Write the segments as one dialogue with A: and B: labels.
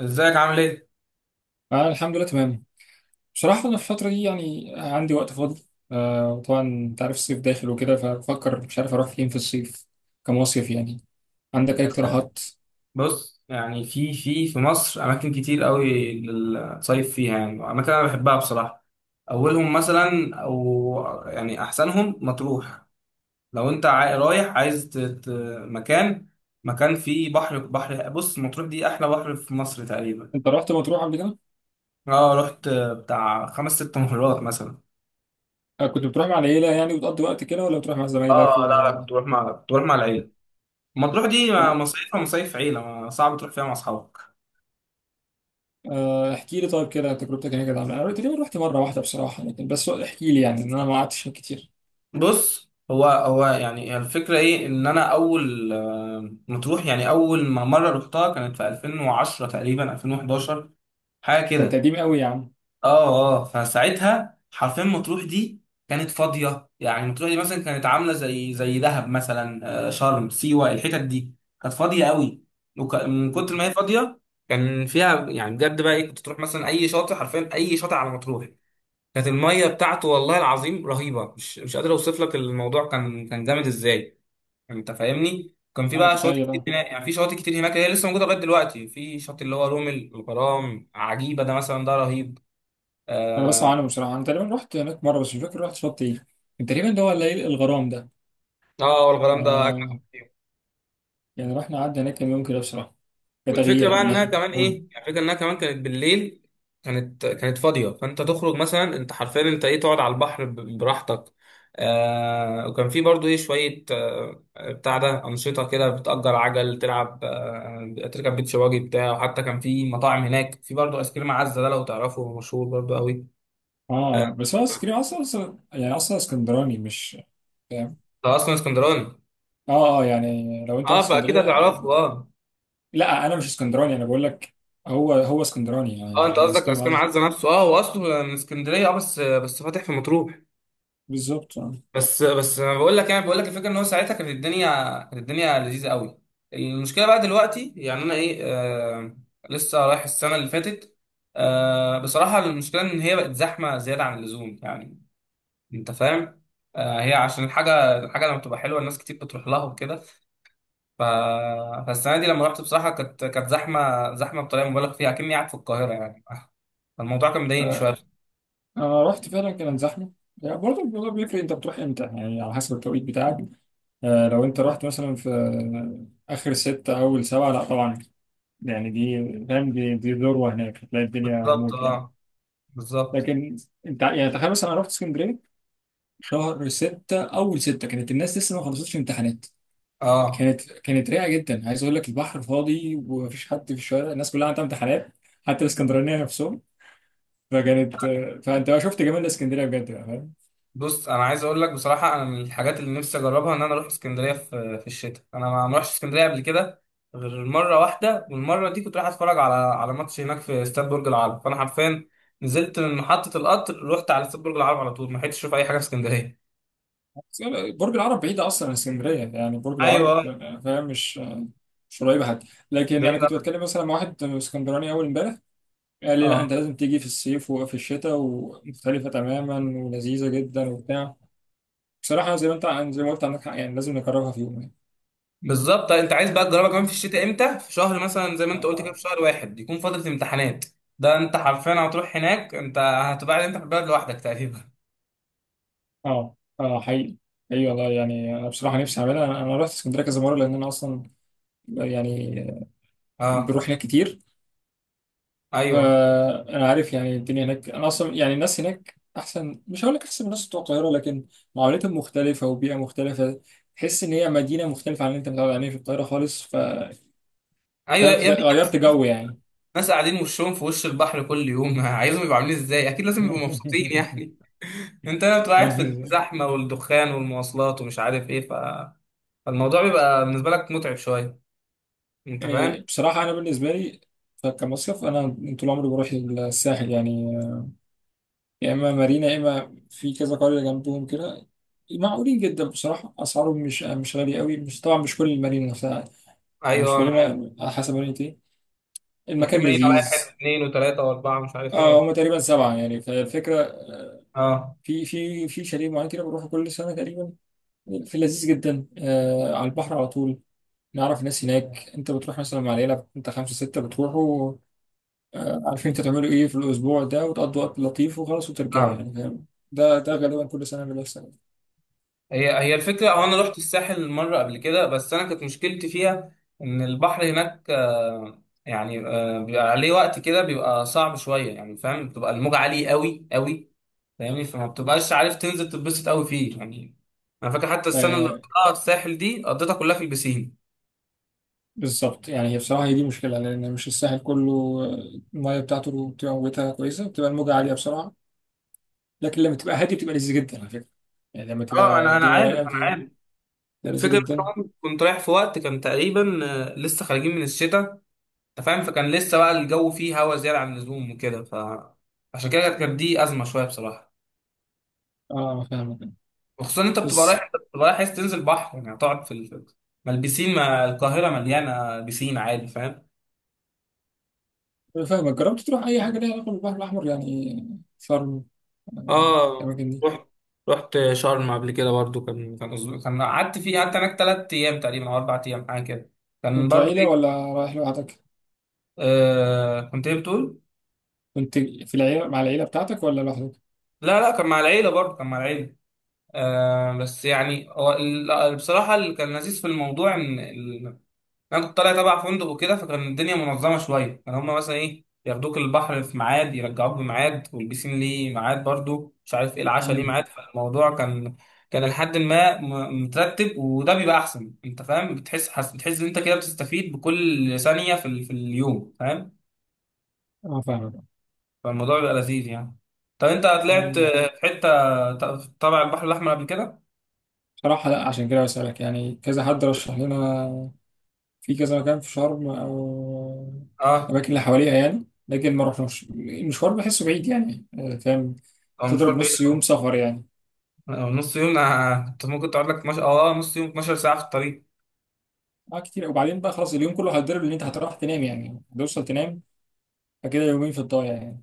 A: ازيك عامل ايه؟
B: آه، الحمد لله تمام. بصراحة أنا في الفترة دي يعني عندي وقت فاضي. وطبعا أنت عارف الصيف داخل وكده، فبفكر مش عارف أروح فين في الصيف، كمصيف يعني. عندك أي اقتراحات؟
A: بص يعني في مصر اماكن كتير قوي للصيف فيها يعني اماكن انا بحبها بصراحه. اولهم مثلا او يعني احسنهم مطروح. لو انت رايح عايز مكان، مكان فيه بحر بحر. بص مطروح دي احلى بحر في مصر تقريبا.
B: أنت رحت مطروح قبل كده؟
A: اه رحت بتاع خمس ست مرات مثلا.
B: آه، كنت بتروح مع العيلة يعني وتقضي وقت كده ولا بتروح مع زمايلك؟
A: اه، لا لا، كنت بروح مع العيله. مطروح دي
B: طب.
A: مصيفها مصيف عيله، صعب تروح فيها مع اصحابك.
B: احكي لي طيب كده، تجربتك هناك كانت عاملة إيه؟ أنا تقريبا رحت مرة واحدة بصراحة، لكن بس احكي لي يعني، إن أنا ما قعدتش هناك كتير.
A: بص هو يعني الفكرة ايه، ان انا اول مطروح يعني اول ما مرة رحتها كانت في 2010 تقريبا 2011، حاجة
B: ده أنت
A: كده.
B: قديم قوي يا عم.
A: اه، اه، فساعتها حرفيا مطروح دي كانت فاضية. يعني مطروح دي مثلا كانت عاملة زي دهب مثلا، شرم، سيوة، الحتت دي كانت فاضية قوي. من كتر ما هي فاضية، كان فيها يعني بجد بقى ايه، كنت تروح مثلا اي شاطئ، حرفيا اي شاطئ على مطروح كانت الميه بتاعته، والله العظيم، رهيبه، مش قادر اوصف لك، الموضوع كان جامد ازاي. يعني انت فاهمني، كان في
B: أنا
A: بقى شواطئ
B: متخيل،
A: كتير
B: أه.
A: هناك، يعني في شواطئ كتير هناك هي لسه موجوده لغايه دلوقتي، في شط اللي هو رومل الغرام، عجيبه ده مثلا، ده رهيب.
B: أنا بسمع عنه بصراحة، أنا تقريبا رحت هناك مرة بس مش فاكر رحت شط إيه. كان تقريبا اللي هو الليل الغرام ده.
A: اه، والغرام ده اجمل.
B: آه يعني رحنا قعدنا هناك كام يوم كده بصراحة،
A: والفكره
B: كتغيير
A: بقى
B: لأن
A: انها
B: إحنا
A: كمان
B: قول.
A: ايه، يعني الفكره انها كمان كانت بالليل، كانت فاضيه، فانت تخرج مثلا، انت حرفيا، انت ايه تقعد على البحر براحتك. آه، وكان في برضو ايه شويه، بتاع ده انشطه كده، بتأجر عجل، تلعب، تركب بيتش باجي بتاع. وحتى كان في مطاعم هناك، في برضو ايس كريم عزه، ده لو تعرفه هو مشهور برضو قوي. آه،
B: بس هو اسكندرية أصلا، أصلا يعني، أصلا اسكندراني مش فاهم.
A: ده اصلا اسكندراني.
B: يعني لو أنت رحت
A: اه، فاكيد
B: اسكندرية.
A: هتعرفه، اه.
B: لا أنا مش اسكندراني أنا بقول لك. هو هو اسكندراني يعني،
A: اه، انت
B: الآيس
A: قصدك
B: كريم
A: ايس كريم
B: عايز.
A: عزه نفسه، اه، هو اصله من اسكندريه، اه، بس فاتح في مطروح.
B: بالظبط، آه.
A: بس انا بقول لك، يعني بقول لك الفكره ان هو ساعتها كانت الدنيا، كانت الدنيا لذيذه قوي. المشكله بقى دلوقتي، يعني انا ايه لسه رايح السنه اللي فاتت. آه، بصراحه المشكله ان هي بقت زحمه زياده عن اللزوم يعني، انت فاهم، آه، هي عشان الحاجه لما بتبقى حلوه، الناس كتير بتروح لها وكده ف... فالسنه دي لما رحت بصراحه كانت زحمه زحمه بطريقه مبالغ فيها، كأني قاعد في القاهره يعني، آه، فالموضوع كان مضايقني شويه.
B: أنا رحت فعلا كان زحمة، يعني برضه الموضوع بيفرق أنت بتروح إمتى، يعني على حسب التوقيت بتاعك. آه، لو أنت رحت مثلا في، آخر ستة أول سبعة، لا طبعا. يعني دي فاهم، دي ذروة، هناك هتلاقي الدنيا
A: بالظبط،
B: موت يعني.
A: اه، بالظبط.
B: لكن انت يعني تخيل، مثلا انا رحت اسكندريه شهر ستة اول ستة، كانت الناس لسه ما خلصتش امتحانات.
A: اه،
B: كانت رايقه جدا، عايز اقول لك البحر فاضي ومفيش حد في الشوارع، الناس كلها عندها امتحانات، حتى الاسكندرانيه نفسهم. فكانت، فانت بقى شفت جمال اسكندريه بجد بقى، فاهم؟
A: بص انا عايز اقول لك بصراحه، انا من الحاجات اللي نفسي اجربها ان انا اروح اسكندريه في الشتاء. انا ما رحتش اسكندريه قبل كده غير مره واحده، والمره دي كنت رايح اتفرج على ماتش هناك في استاد برج العرب، فانا حرفيا نزلت من محطه القطر، رحت على استاد برج العرب على طول، ما لحقتش اشوف اي حاجه في اسكندريه.
B: برج العرب بعيد اصلا عن اسكندريه، يعني برج العرب
A: ايوه،
B: فاهم، مش قريبه حتى. لكن
A: بعيد
B: انا كنت
A: أوي.
B: بتكلم مثلا مع واحد اسكندراني اول امبارح، قال لي
A: اه،
B: لا انت لازم تيجي في الصيف وفي الشتاء، ومختلفه تماما ولذيذه جدا وبتاع. بصراحة زي ما انت زي ما قلت عندك حق، يعني لازم نكررها في يوم يعني.
A: بالظبط. طيب، انت عايز بقى تجربها كمان في الشتاء امتى، في شهر مثلا زي ما انت قلت كده، في شهر واحد يكون فتره امتحانات؟ ده انت حرفيا هتروح هناك انت، هتبقى قاعد انت في البلد لوحدك تقريبا.
B: اه اه حقيقي. ايوه والله، يعني انا بصراحة نفسي اعملها، انا أنا رحت اسكندرية كذا مرة لان انا اصلا يعني
A: اه،
B: بروح هناك كتير.
A: ايوه،
B: فانا عارف يعني الدنيا هناك، انا اصلا يعني الناس هناك احسن، مش هقول لك احسن من الناس بتوع القاهرة، لكن معاملتهم مختلفة وبيئة مختلفة. تحس ان هي مدينة مختلفة عن اللي انت متعود عليه في القاهرة خالص، ف،
A: ايوه
B: فاهم
A: يا ابني،
B: غيرت جو يعني.
A: ناس قاعدين وشهم في وش البحر كل يوم عايزهم يبقوا عاملين ازاي؟ اكيد لازم يبقوا مبسوطين يعني. انت لو بتبقى قاعد في الزحمه والدخان والمواصلات ومش عارف ايه, فالموضوع بيبقى بالنسبه لك متعب شويه، انت فاهم.
B: إيه، بصراحة أنا بالنسبة لي كمصيف، أنا طول عمري بروح الساحل يعني، يا إما مارينا يا إما في كذا قرية جنبهم كده. معقولين جدا بصراحة، أسعارهم مش غالية قوي، مش طبعا مش كل المارينا نفسها،
A: ايوه،
B: مش
A: انا عارف.
B: مارينا على حسب مارينا إيه.
A: وفي
B: المكان
A: مارينا رايح حته
B: لذيذ.
A: اثنين وثلاثه واربعه، مش عارف ايه
B: آه،
A: واربعه.
B: هما تقريبا سبعة يعني، فالفكرة
A: اه،
B: في شاليه معين كده بروحه كل سنة تقريبا، في لذيذ جدا آه، على البحر على طول. نعرف ناس هناك، أنت بتروح مثلا مع العيلة أنت خمسة ستة بتروحوا. عارفين انت تعملوا ايه في الاسبوع ده وتقضوا وقت لطيف وخلاص وترجعوا
A: نعم.
B: يعني، فاهم. ده غالبا كل سنه اللي بيحصل.
A: هي الفكره، هو انا رحت الساحل مره قبل كده، بس انا كانت مشكلتي فيها ان البحر هناك يعني بيبقى عليه وقت كده بيبقى صعب شويه يعني، فاهم، بتبقى الموجه عاليه قوي قوي، فاهمني، فما بتبقاش عارف تنزل تتبسط قوي فيه يعني. انا فاكر حتى السنه اللي
B: آه،
A: قضيتها في الساحل دي قضيتها كلها في البسين.
B: بالظبط، يعني هي بصراحه هي دي مشكله، لان مش الساحل كله، الميه بتاعته بتبقى موجتها كويسه، بتبقى الموجه عاليه بسرعه. لكن لما تبقى هاديه بتبقى لذيذه جدا على فكره، يعني لما
A: اه،
B: تبقى
A: انا
B: الدنيا
A: عارف،
B: رايقه
A: انا
B: بتبقى
A: عارف.
B: لذيذه
A: الفكره
B: جدا.
A: كمان كنت رايح في وقت كان تقريبا، آه، لسه خارجين من الشتاء، انت فاهم، فكان لسه بقى الجو فيه هوا زياده عن اللزوم وكده، ف، عشان كده كانت دي ازمه شويه بصراحه.
B: اه فاهمك.
A: وخصوصا إن
B: بس
A: انت بتبقى رايح عايز تنزل بحر يعني، هتقعد في ال... ما البسين ما القاهره مليانه بسين عادي، فاهم.
B: فاهمك، جربت تروح اي حاجه ليها علاقه بالبحر الاحمر، يعني شرم، آه،
A: اه،
B: الاماكن دي.
A: رحت رحت شرم قبل كده برضو، كان قعدت هناك 3 ايام تقريبا او 4 ايام، حاجه كده. كان
B: كنتوا
A: برضو
B: عيله
A: ايه،
B: ولا رايح لوحدك؟
A: آه، كنت ايه بتقول؟
B: كنت في العيلة، مع العيلة بتاعتك ولا لوحدك؟
A: لا لا، كان مع العيله برضو، كان مع العيله. آه، بس يعني هو بصراحه اللي كان لذيذ في الموضوع ان انا كنت طالع تبع فندق وكده، فكان الدنيا منظمه شويه، كان هما مثلا ايه ياخدوك البحر في ميعاد، يرجعوك بميعاد، والبسين ليه ميعاد برضو، مش عارف ايه، العشاء ليه
B: مم.
A: ميعاد. فالموضوع كان كان لحد ما م- مترتب، وده بيبقى احسن، انت فاهم، بتحس بتحس ان انت كده بتستفيد بكل ثانيه في ال... في اليوم، فاهم.
B: اه فاهمك.
A: فالموضوع بيبقى لذيذ يعني. طب انت طلعت
B: آه،
A: في حته تبع البحر الاحمر قبل كده؟
B: بصراحة لا، عشان كده بسألك، يعني كذا حد رشح لنا في كذا مكان في شرم أو
A: اه،
B: الأماكن اللي حواليها يعني، لكن ما رحناش، المشوار بحسه بعيد يعني، آه، فاهم.
A: هو
B: تضرب
A: مشوار بعيد
B: نص يوم
A: أوي.
B: سفر يعني.
A: آه، نص يوم، أنا كنت ممكن تقعد لك مش... اه، نص يوم، 12 ساعه في الطريق.
B: اه كتير، وبعدين بقى خلاص اليوم كله هتضرب، ان انت هتروح تنام يعني، هتوصل تنام، فكده يومين في الضايع يعني.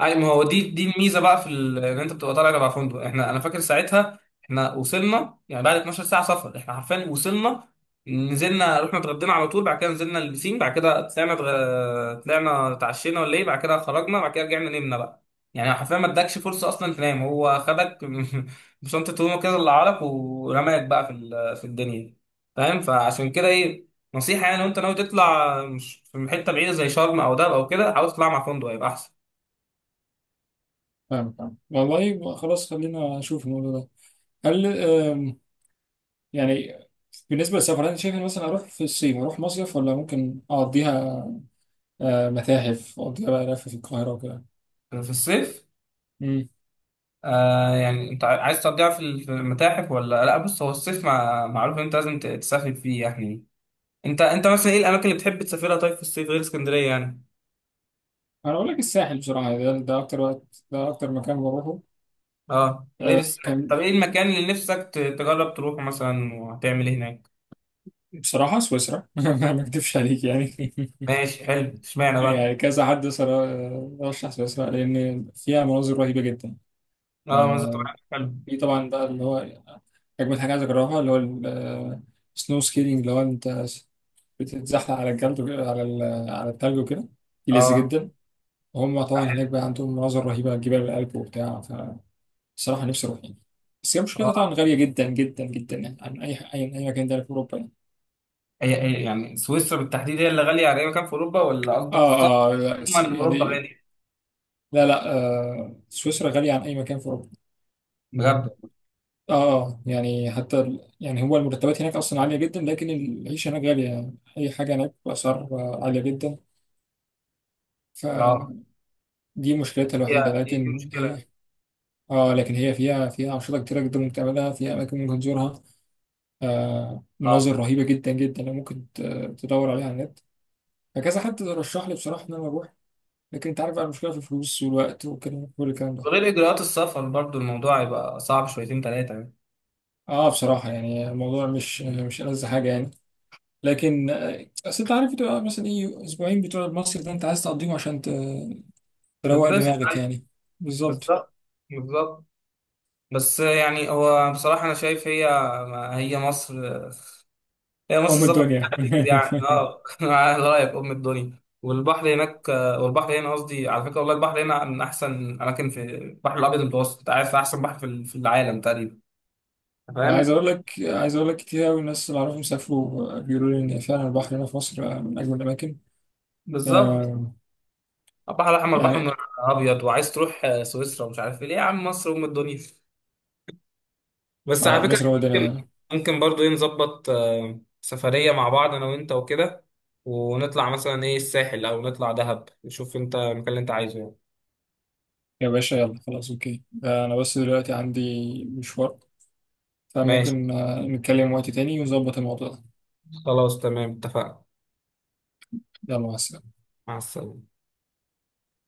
A: اي، ما هو دي الميزه بقى في ان انت بتبقى طالع تبع فندق. احنا، انا فاكر ساعتها احنا وصلنا يعني بعد 12 ساعه سفر، احنا حرفيا وصلنا، نزلنا، رحنا اتغدينا على طول، بعد كده نزلنا البسين، بعد كده طلعنا طلعنا اتعشينا ولا ايه، بعد كده خرجنا، بعد كده رجعنا نمنا بقى، يعني حرفيا ما ادكش فرصه اصلا تنام، هو خدك بشنطه هدومه كده اللي عليك ورماك بقى في في الدنيا. فاهم، فعشان كده ايه، نصيحه يعني، لو انت ناوي تطلع مش في حته بعيده زي شرم او دهب او كده، حاول تطلع مع فندق، هيبقى احسن.
B: فاهم فاهم، والله خلاص خلينا نشوف الموضوع ده. هل آم، يعني، بالنسبة للسفر، أنت شايف إن مثلا أروح في الصيف، أروح مصيف ولا ممكن أقضيها، آه، متاحف، أقضيها بقى لف في القاهرة وكده.
A: في الصيف؟
B: مم.
A: آه، يعني انت عايز تقضيها في في المتاحف ولا لا؟ بص، هو الصيف معروف ان انت لازم تسافر فيه يعني. انت مثلا ايه الاماكن اللي بتحب تسافرها طيب في الصيف، غير اسكندريه يعني؟
B: أنا أقول لك الساحل بصراحة يعني، ده أكتر وقت، ده أكتر مكان بروحه.
A: اه، غير الساحل،
B: كان
A: طب ايه المكان اللي نفسك تجرب تروحه مثلا، وهتعمل ايه هناك؟
B: بصراحة سويسرا، ما أكدبش عليك يعني.
A: ماشي حلو، اشمعنى بقى؟
B: يعني كذا حد رشح سويسرا، لأن فيها مناظر رهيبة جدا.
A: اه، منظر
B: آه،
A: طبيعي حلو.
B: في طبعا بقى اللي هو أجمل حاجة عايز أجربها، اللي هو السنو سكيلينج، اللي هو أنت بتتزحلق على الجلد، على التلج وكده، دي لذيذ
A: اه،
B: جدا. هم طبعا
A: حلو.
B: هناك بقى عندهم مناظر رهيبة على جبال الألب وبتاع. فالصراحة نفسي أروح يعني. بس هي مشكلتها طبعا
A: اه،
B: غالية جدا جدا جدا، يعني عن أي مكان تاني في أوروبا يعني.
A: هي يعني سويسرا بالتحديد هي اللي غاليه على اي مكان في اوروبا، ولا قصدك السفر
B: لا
A: عموما اوروبا
B: يعني،
A: غاليه؟
B: لا لا، سويسرا غالية عن أي مكان في أوروبا. مم.
A: بجد؟
B: آه يعني حتى يعني هو المرتبات هناك أصلا عالية جدا، لكن العيشة هناك غالية، يعني أي حاجة هناك بأسعار، عالية جدا.
A: اه،
B: فدي مشكلتها الوحيدة
A: هي دي
B: لكن
A: مشكله يعني،
B: هي. لكن هي فيها أنشطة كتيرة جدا ممكن تعملها، فيها أماكن ممكن تزورها، آه،
A: اه،
B: مناظر رهيبة جدا جدا، لو ممكن تدور عليها على النت. فكذا حد رشح لي بصراحة إن أنا أروح، لكن أنت عارف بقى المشكلة في الفلوس والوقت وكده كل الكلام ده.
A: غير إجراءات السفر برضو، الموضوع يبقى صعب شويتين تلاتة يعني.
B: بصراحة يعني الموضوع مش ألذ حاجة يعني. لكن آه، أصل أنت عارف بتبقى مثلا إيه أسبوعين بتوع المصيف ده، أنت عايز تقضيهم عشان تروق
A: بس
B: دماغك
A: أيوة،
B: يعني. بالظبط.
A: بالظبط، بالظبط. بس يعني هو بصراحة أنا شايف، هي هي مصر هي مصر،
B: أم
A: السفر فيها
B: الدنيا.
A: هتجيب يعني، اه، على رأيك أم الدنيا. والبحر هناك، والبحر هنا قصدي، على فكرة، والله البحر هنا من أحسن أماكن في البحر الأبيض المتوسط، أنت عارف أحسن بحر في العالم تقريبا،
B: عايز
A: فاهم.
B: أقول لك عايز أقول لك كتير أوي، الناس اللي أعرفهم سافروا بيقولوا لي إن فعلا البحر هنا في مصر، آه، من أجمل الأماكن.
A: بالظبط.
B: آه،
A: البحر الأحمر بحر
B: يعني
A: من الأبيض، وعايز تروح سويسرا ومش عارف إيه؟ ليه يا عم، مصر أم الدنيا. بس على
B: اه،
A: فكرة،
B: مصر هو ده.
A: ممكن ممكن برضو ايه نظبط سفرية مع بعض، انا وانت وكده، ونطلع مثلا ايه الساحل، او نطلع دهب، نشوف انت المكان اللي انت عايزه يعني.
B: يا باشا يلا خلاص اوكي، آه، انا بس دلوقتي عندي مشوار،
A: ماشي،
B: فممكن نتكلم وقت تاني ونظبط الموضوع ده.
A: خلاص، تمام، اتفقنا.
B: يلا مع السلامة.
A: مع السلامة.